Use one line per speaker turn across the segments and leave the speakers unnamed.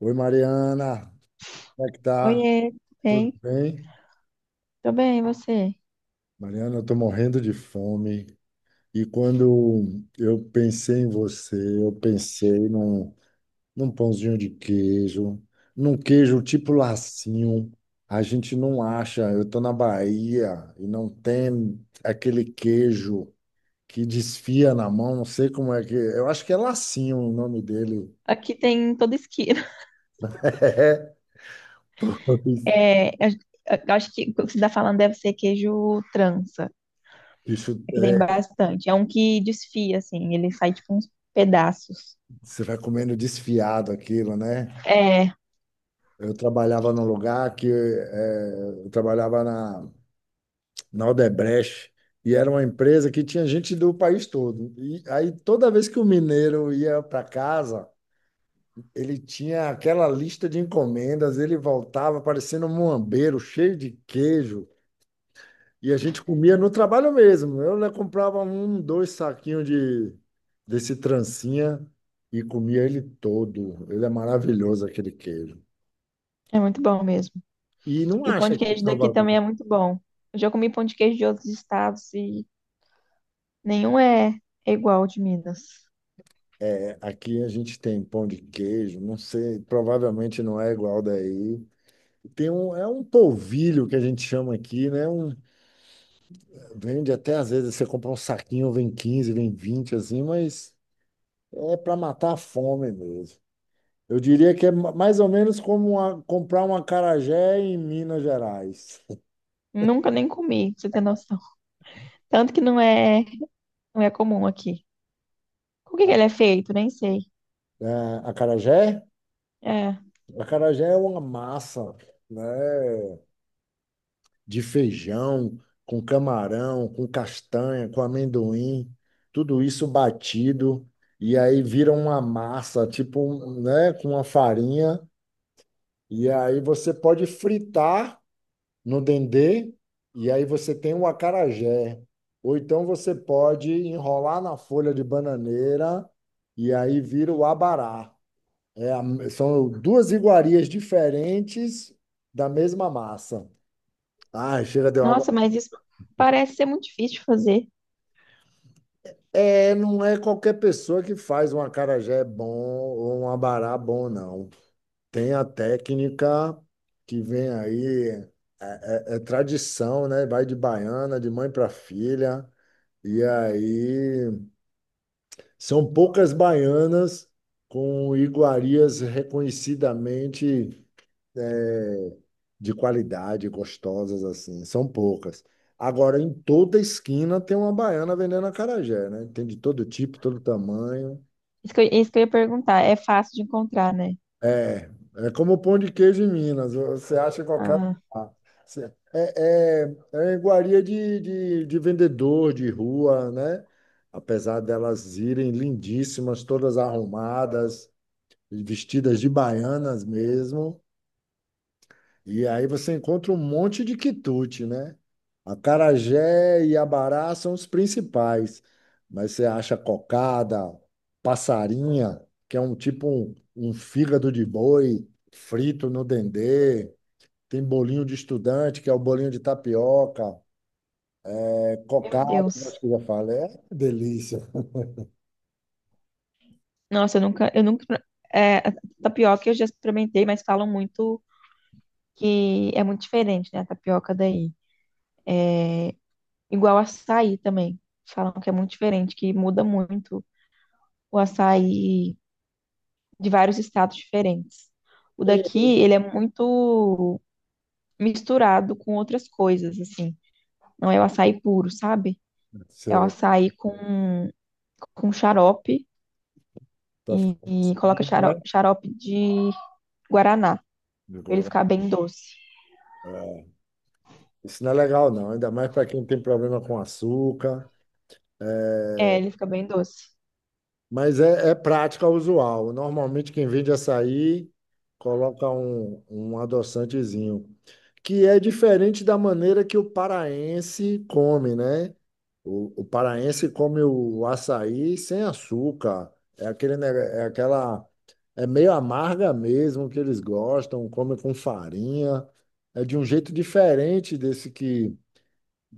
Oi, Mariana, como é que tá?
Oiê, tudo
Tudo
bem?
bem?
Tô bem, e você?
Mariana, eu tô morrendo de fome. E quando eu pensei em você, eu pensei num, num pãozinho de queijo, num queijo tipo lacinho. A gente não acha, eu tô na Bahia e não tem aquele queijo que desfia na mão, não sei como é que. Eu acho que é lacinho o nome dele.
Aqui tem em toda esquina.
É, pois,
É, eu, eu acho que o que você está falando deve ser queijo trança.
isso,
Aqui tem
é,
bastante. É um que desfia, assim, ele sai tipo uns pedaços.
você vai comendo desfiado aquilo, né?
É,
Eu trabalhava num lugar que eu trabalhava na, na Odebrecht e era uma empresa que tinha gente do país todo. E aí toda vez que o mineiro ia para casa, ele tinha aquela lista de encomendas, ele voltava parecendo um muambeiro, cheio de queijo, e a gente comia no trabalho mesmo. Eu, né, comprava um, dois saquinhos de desse trancinha e comia ele todo. Ele é maravilhoso aquele queijo.
é muito bom mesmo.
E não
E o pão
acha
de
que em
queijo daqui também
Salvador.
é muito bom. Eu já comi pão de queijo de outros estados e nenhum é, é igual ao de Minas.
Aqui a gente tem pão de queijo, não sei, provavelmente não é igual daí. Tem um, é um polvilho que a gente chama aqui, né? Um, vende até às vezes você compra um saquinho, vem 15, vem 20, assim, mas é para matar a fome mesmo. Eu diria que é mais ou menos como uma- comprar um acarajé em Minas Gerais.
Nunca nem comi, pra você ter noção. Tanto que não é comum aqui. Com o que que
A,
ele é feito? Nem sei.
é, acarajé?
É.
Acarajé é uma massa, né? De feijão, com camarão, com castanha, com amendoim, tudo isso batido, e aí vira uma massa, tipo, um, né, com uma farinha, e aí você pode fritar no dendê, e aí você tem o acarajé. Ou então você pode enrolar na folha de bananeira, e aí vira o abará. É são duas iguarias diferentes da mesma massa. Ai, chega, deu água.
Nossa, mas isso parece ser muito difícil de fazer.
É, não é qualquer pessoa que faz um acarajé bom ou um abará bom, não. Tem a técnica que vem aí, é tradição, né? Vai de baiana, de mãe para filha. E aí são poucas baianas com iguarias reconhecidamente de qualidade, gostosas assim, são poucas. Agora, em toda esquina tem uma baiana vendendo acarajé, né? Tem de todo tipo, todo tamanho.
Isso que eu ia perguntar. É fácil de encontrar, né?
É, é como o pão de queijo em Minas, você acha em qualquer
Ah,
lugar. Você- É, é, é iguaria de vendedor de rua, né? Apesar delas irem lindíssimas, todas arrumadas, vestidas de baianas mesmo. E aí você encontra um monte de quitute, né? Acarajé e abará são os principais, mas você acha cocada, passarinha, que é um tipo um fígado de boi frito no dendê, tem bolinho de estudante, que é o bolinho de tapioca, é
meu
cocada,
Deus.
acho que eu já falei, é uma delícia.
Nossa, eu nunca. A tapioca eu já experimentei, mas falam muito que é muito diferente, né? A tapioca daí. Igual açaí também. Falam que é muito diferente, que muda muito o açaí de vários estados diferentes. O
É.
daqui, ele é muito misturado com outras coisas, assim. Não é o açaí puro, sabe? É o
Você
açaí com xarope
para
e,
ficar
e coloca
assim, né?
xarope de guaraná, pra ele
Agora,
ficar bem doce.
é, isso não é legal não, ainda mais para quem tem problema com açúcar. É,
É, ele fica bem doce.
mas é, é prática usual. Normalmente quem vende açaí coloca um adoçantezinho, que é diferente da maneira que o paraense come, né? O paraense come o açaí sem açúcar. É aquele, é aquela, é meio amarga mesmo que eles gostam, come com farinha. É de um jeito diferente desse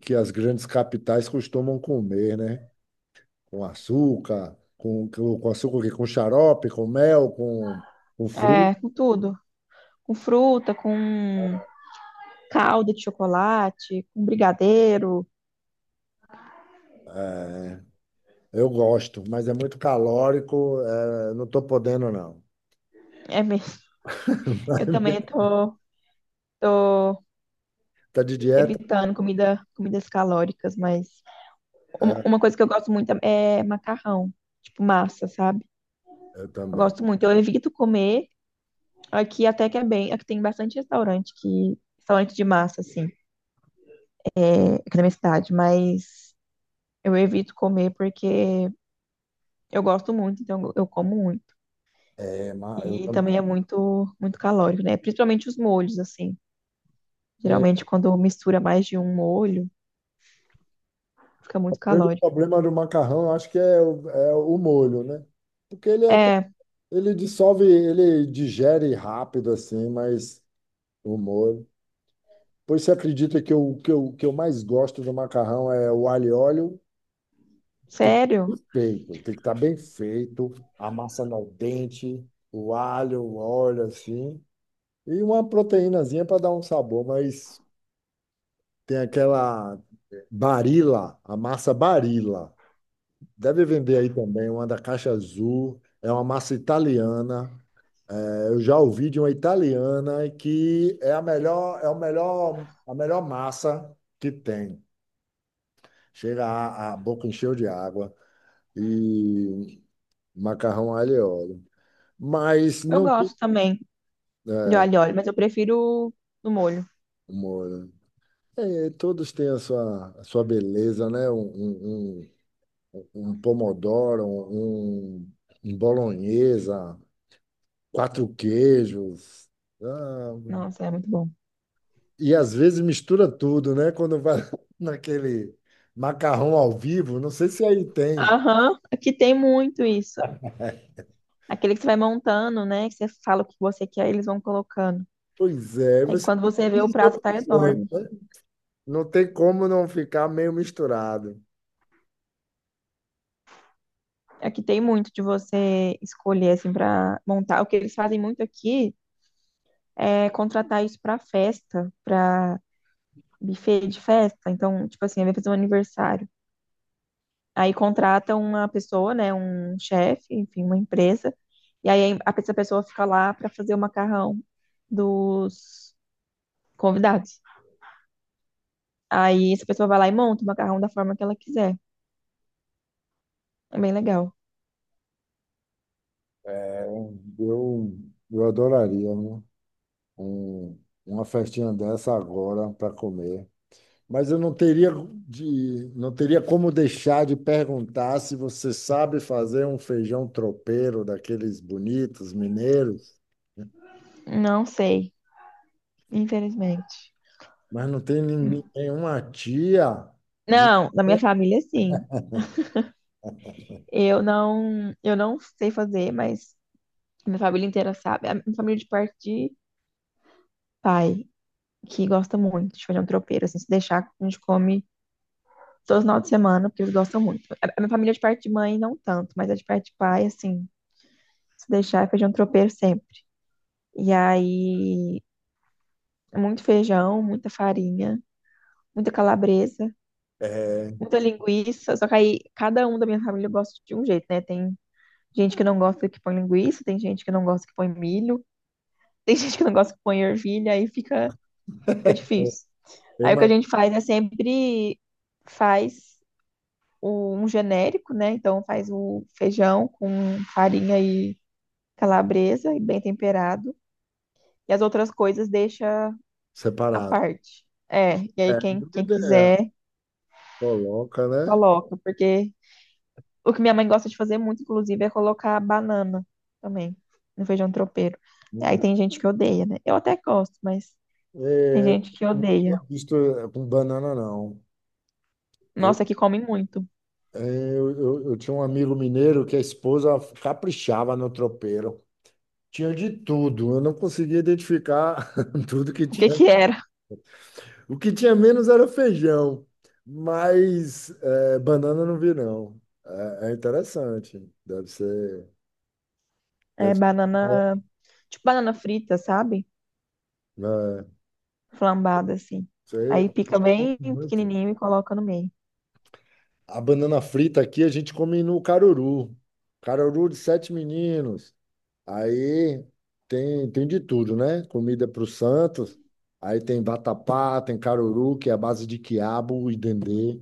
que as grandes capitais costumam comer, né? Com açúcar, com, com açúcar, o quê? Com xarope, com mel, com fruta.
É, com tudo. Com fruta, com calda de chocolate, com brigadeiro.
É, eu gosto, mas é muito calórico, é, não estou podendo, não.
É mesmo. Eu também tô
Tá de dieta?
evitando comida, comidas calóricas, mas uma
É,
uma coisa que eu gosto muito é macarrão, tipo massa, sabe?
eu
Eu
também.
gosto muito. Eu evito comer aqui até que é bem, aqui tem bastante restaurante que restaurante de massa assim, é, aqui na minha cidade, mas eu evito comer porque eu gosto muito, então eu como muito.
É, eu
E
também.
também é muito, muito calórico, né? Principalmente os molhos, assim.
É,
Geralmente, quando mistura mais de um molho, fica
o
muito
grande
calórico.
problema do macarrão, eu acho que é, é o molho, né? Porque ele é até,
É,
ele dissolve, ele digere rápido, assim, mas o molho. Pois você acredita que o que eu mais gosto do macarrão é o alho e óleo. Tem que
sério?
ser feito, tem que estar bem feito, a massa no dente, o alho, o óleo assim, e uma proteínazinha para dar um sabor, mas tem aquela Barilla, a massa Barilla. Deve vender aí também, uma da caixa azul, é uma massa italiana. É, eu já ouvi de uma italiana que é a melhor, a melhor massa que tem. Chega a boca encheu de água e macarrão alho e óleo. Mas
Eu
não tem
gosto também de
é,
alho e óleo, mas eu prefiro no molho.
humor. Né? É, todos têm a sua beleza, né? Um pomodoro, um bolonhesa, quatro queijos. Ah,
Nossa, é muito bom.
e às vezes mistura tudo, né? Quando vai naquele macarrão ao vivo, não sei se aí tem.
Aham, aqui tem muito isso. Aquele que você vai montando, né? Que você fala o que você quer, eles vão colocando.
Pois é,
Aí
você
quando
tem
você vê, o
15
prato tá
opções,
enorme.
né? Não tem como não ficar meio misturado.
Aqui tem muito de você escolher, assim, para montar. O que eles fazem muito aqui é contratar isso para festa, para buffet de festa. Então, tipo assim, vai fazer um aniversário. Aí contrata uma pessoa, né, um chefe, enfim, uma empresa. Essa pessoa fica lá para fazer o macarrão dos convidados. Aí essa pessoa vai lá e monta o macarrão da forma que ela quiser. É bem legal.
Eu, eu adoraria, né? um- uma festinha dessa agora para comer. Mas eu não teria de, não teria como deixar de perguntar se você sabe fazer um feijão tropeiro daqueles bonitos mineiros, né?
Não sei, infelizmente.
Mas não tem ninguém- nenhuma tia. Ni-
Não, na minha família, sim. Eu não sei fazer, mas minha família inteira sabe. A minha família é de parte de pai, que gosta muito de fazer um tropeiro, assim, se deixar, a gente come todo final de semana, porque eles gostam muito. A minha família é de parte de mãe, não tanto, mas a de parte de pai, assim, se deixar, é feijão tropeiro sempre. E aí, muito feijão, muita farinha, muita calabresa,
é,
muita linguiça. Só que aí, cada um da minha família gosta de um jeito, né? Tem gente que não gosta que põe linguiça, tem gente que não gosta que põe milho. Tem gente que não gosta que põe ervilha, fica difícil.
é
Aí o que a
mais
gente faz é sempre faz um genérico, né? Então faz o feijão com farinha e calabresa e bem temperado. E as outras coisas deixa à
separado.
parte. É, e aí
É uma boa
quem
ideia.
quiser
Coloca, né?
coloca, porque o que minha mãe gosta de fazer muito, inclusive, é colocar banana também no feijão tropeiro. Aí
Hum,
tem gente que odeia, né? Eu até gosto, mas tem
é,
gente que
não tinha
odeia.
visto é, com banana, não. Eu,
Nossa, que come muito.
é, eu tinha um amigo mineiro que a esposa caprichava no tropeiro. Tinha de tudo. Eu não conseguia identificar tudo que
O que
tinha.
que era?
O que tinha menos era feijão, mas é, banana eu não vi, não. É, é interessante. Deve ser. Deve
É
ser. Bom,
banana, tipo banana frita, sabe?
né?
Flambada, assim.
Sei,
Aí
a
pica
gente come
bem
muito.
pequenininho e coloca no meio.
A banana frita aqui a gente come no caruru. Caruru de sete meninos. Aí Tem, tem de tudo, né? Comida para os santos. Aí tem vatapá, tem caruru, que é a base de quiabo e dendê.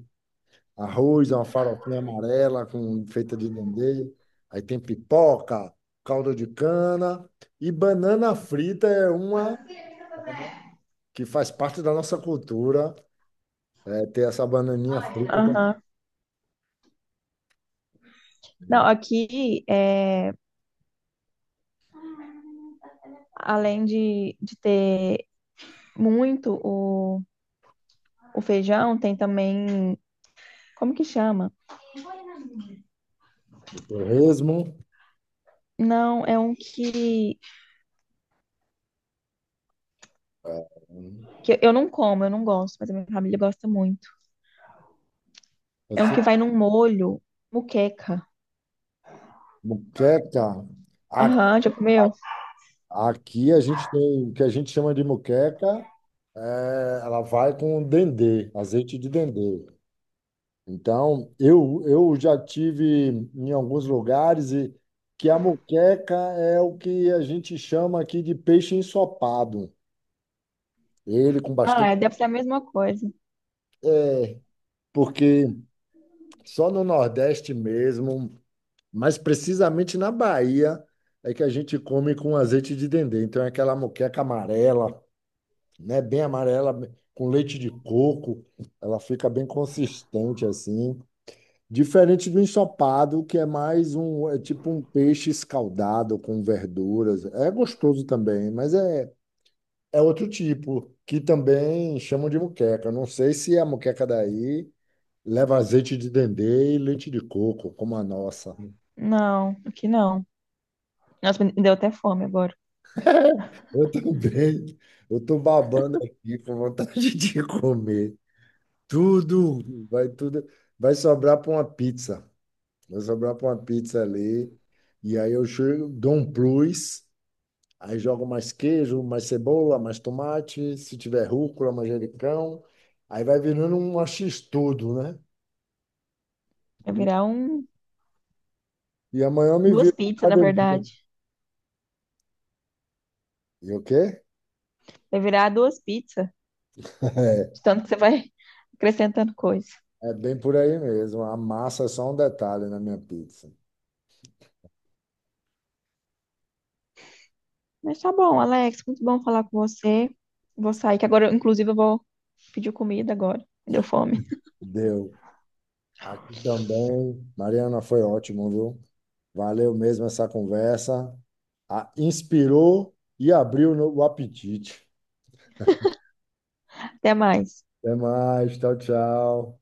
Arroz, é uma farofinha amarela com, feita de dendê. Aí tem pipoca, caldo de cana. E banana frita é uma que faz parte da nossa cultura. É, ter essa bananinha frita também.
Aham. Não, aqui, é, além de ter muito o feijão, tem também. Como que chama?
O torresmo,
Não, é um
é,
que eu não como, eu não gosto, mas a minha família gosta muito. É um
assim,
que vai num molho, muqueca.
moqueca.
Aham, já comeu?
Aqui a gente tem o que a gente chama de moqueca, é, ela vai com dendê, azeite de dendê. Então, eu já tive em alguns lugares e que a moqueca é o que a gente chama aqui de peixe ensopado. Ele com
Ah,
bastante.
é, deve ser a mesma coisa.
É, porque só no Nordeste mesmo, mas precisamente na Bahia, é que a gente come com azeite de dendê. Então, é aquela moqueca amarela, né? Bem amarela, com leite de coco. Ela fica bem consistente assim. Diferente do ensopado, que é mais um, é tipo um peixe escaldado com verduras. É gostoso também, mas é, é outro tipo, que também chamam de moqueca. Eu não sei se a moqueca daí leva azeite de dendê e leite de coco, como a nossa.
Não, aqui não. Nossa, me deu até fome agora.
Eu também, eu tô babando aqui com vontade de comer. Tudo, vai sobrar para uma pizza. Vai sobrar para uma pizza ali. E aí eu chego, dou um plus, aí jogo mais queijo, mais cebola, mais tomate, se tiver rúcula, manjericão. Aí vai virando um x-tudo, né?
Vai
E,
virar um,
e amanhã eu me
duas
viro com
pizzas, na
academia.
verdade.
E o quê?
Vai virar duas pizzas, de tanto que você vai acrescentando coisa.
É bem por aí mesmo. A massa é só um detalhe na minha pizza.
Mas tá bom, Alex, muito bom falar com você. Vou sair, que agora, inclusive, eu vou pedir comida agora. Deu fome.
Deu. Aqui também. Mariana, foi ótimo, viu? Valeu mesmo essa conversa. Ah, inspirou e abriu no- o apetite.
Até mais.
Até mais. Tchau, tchau.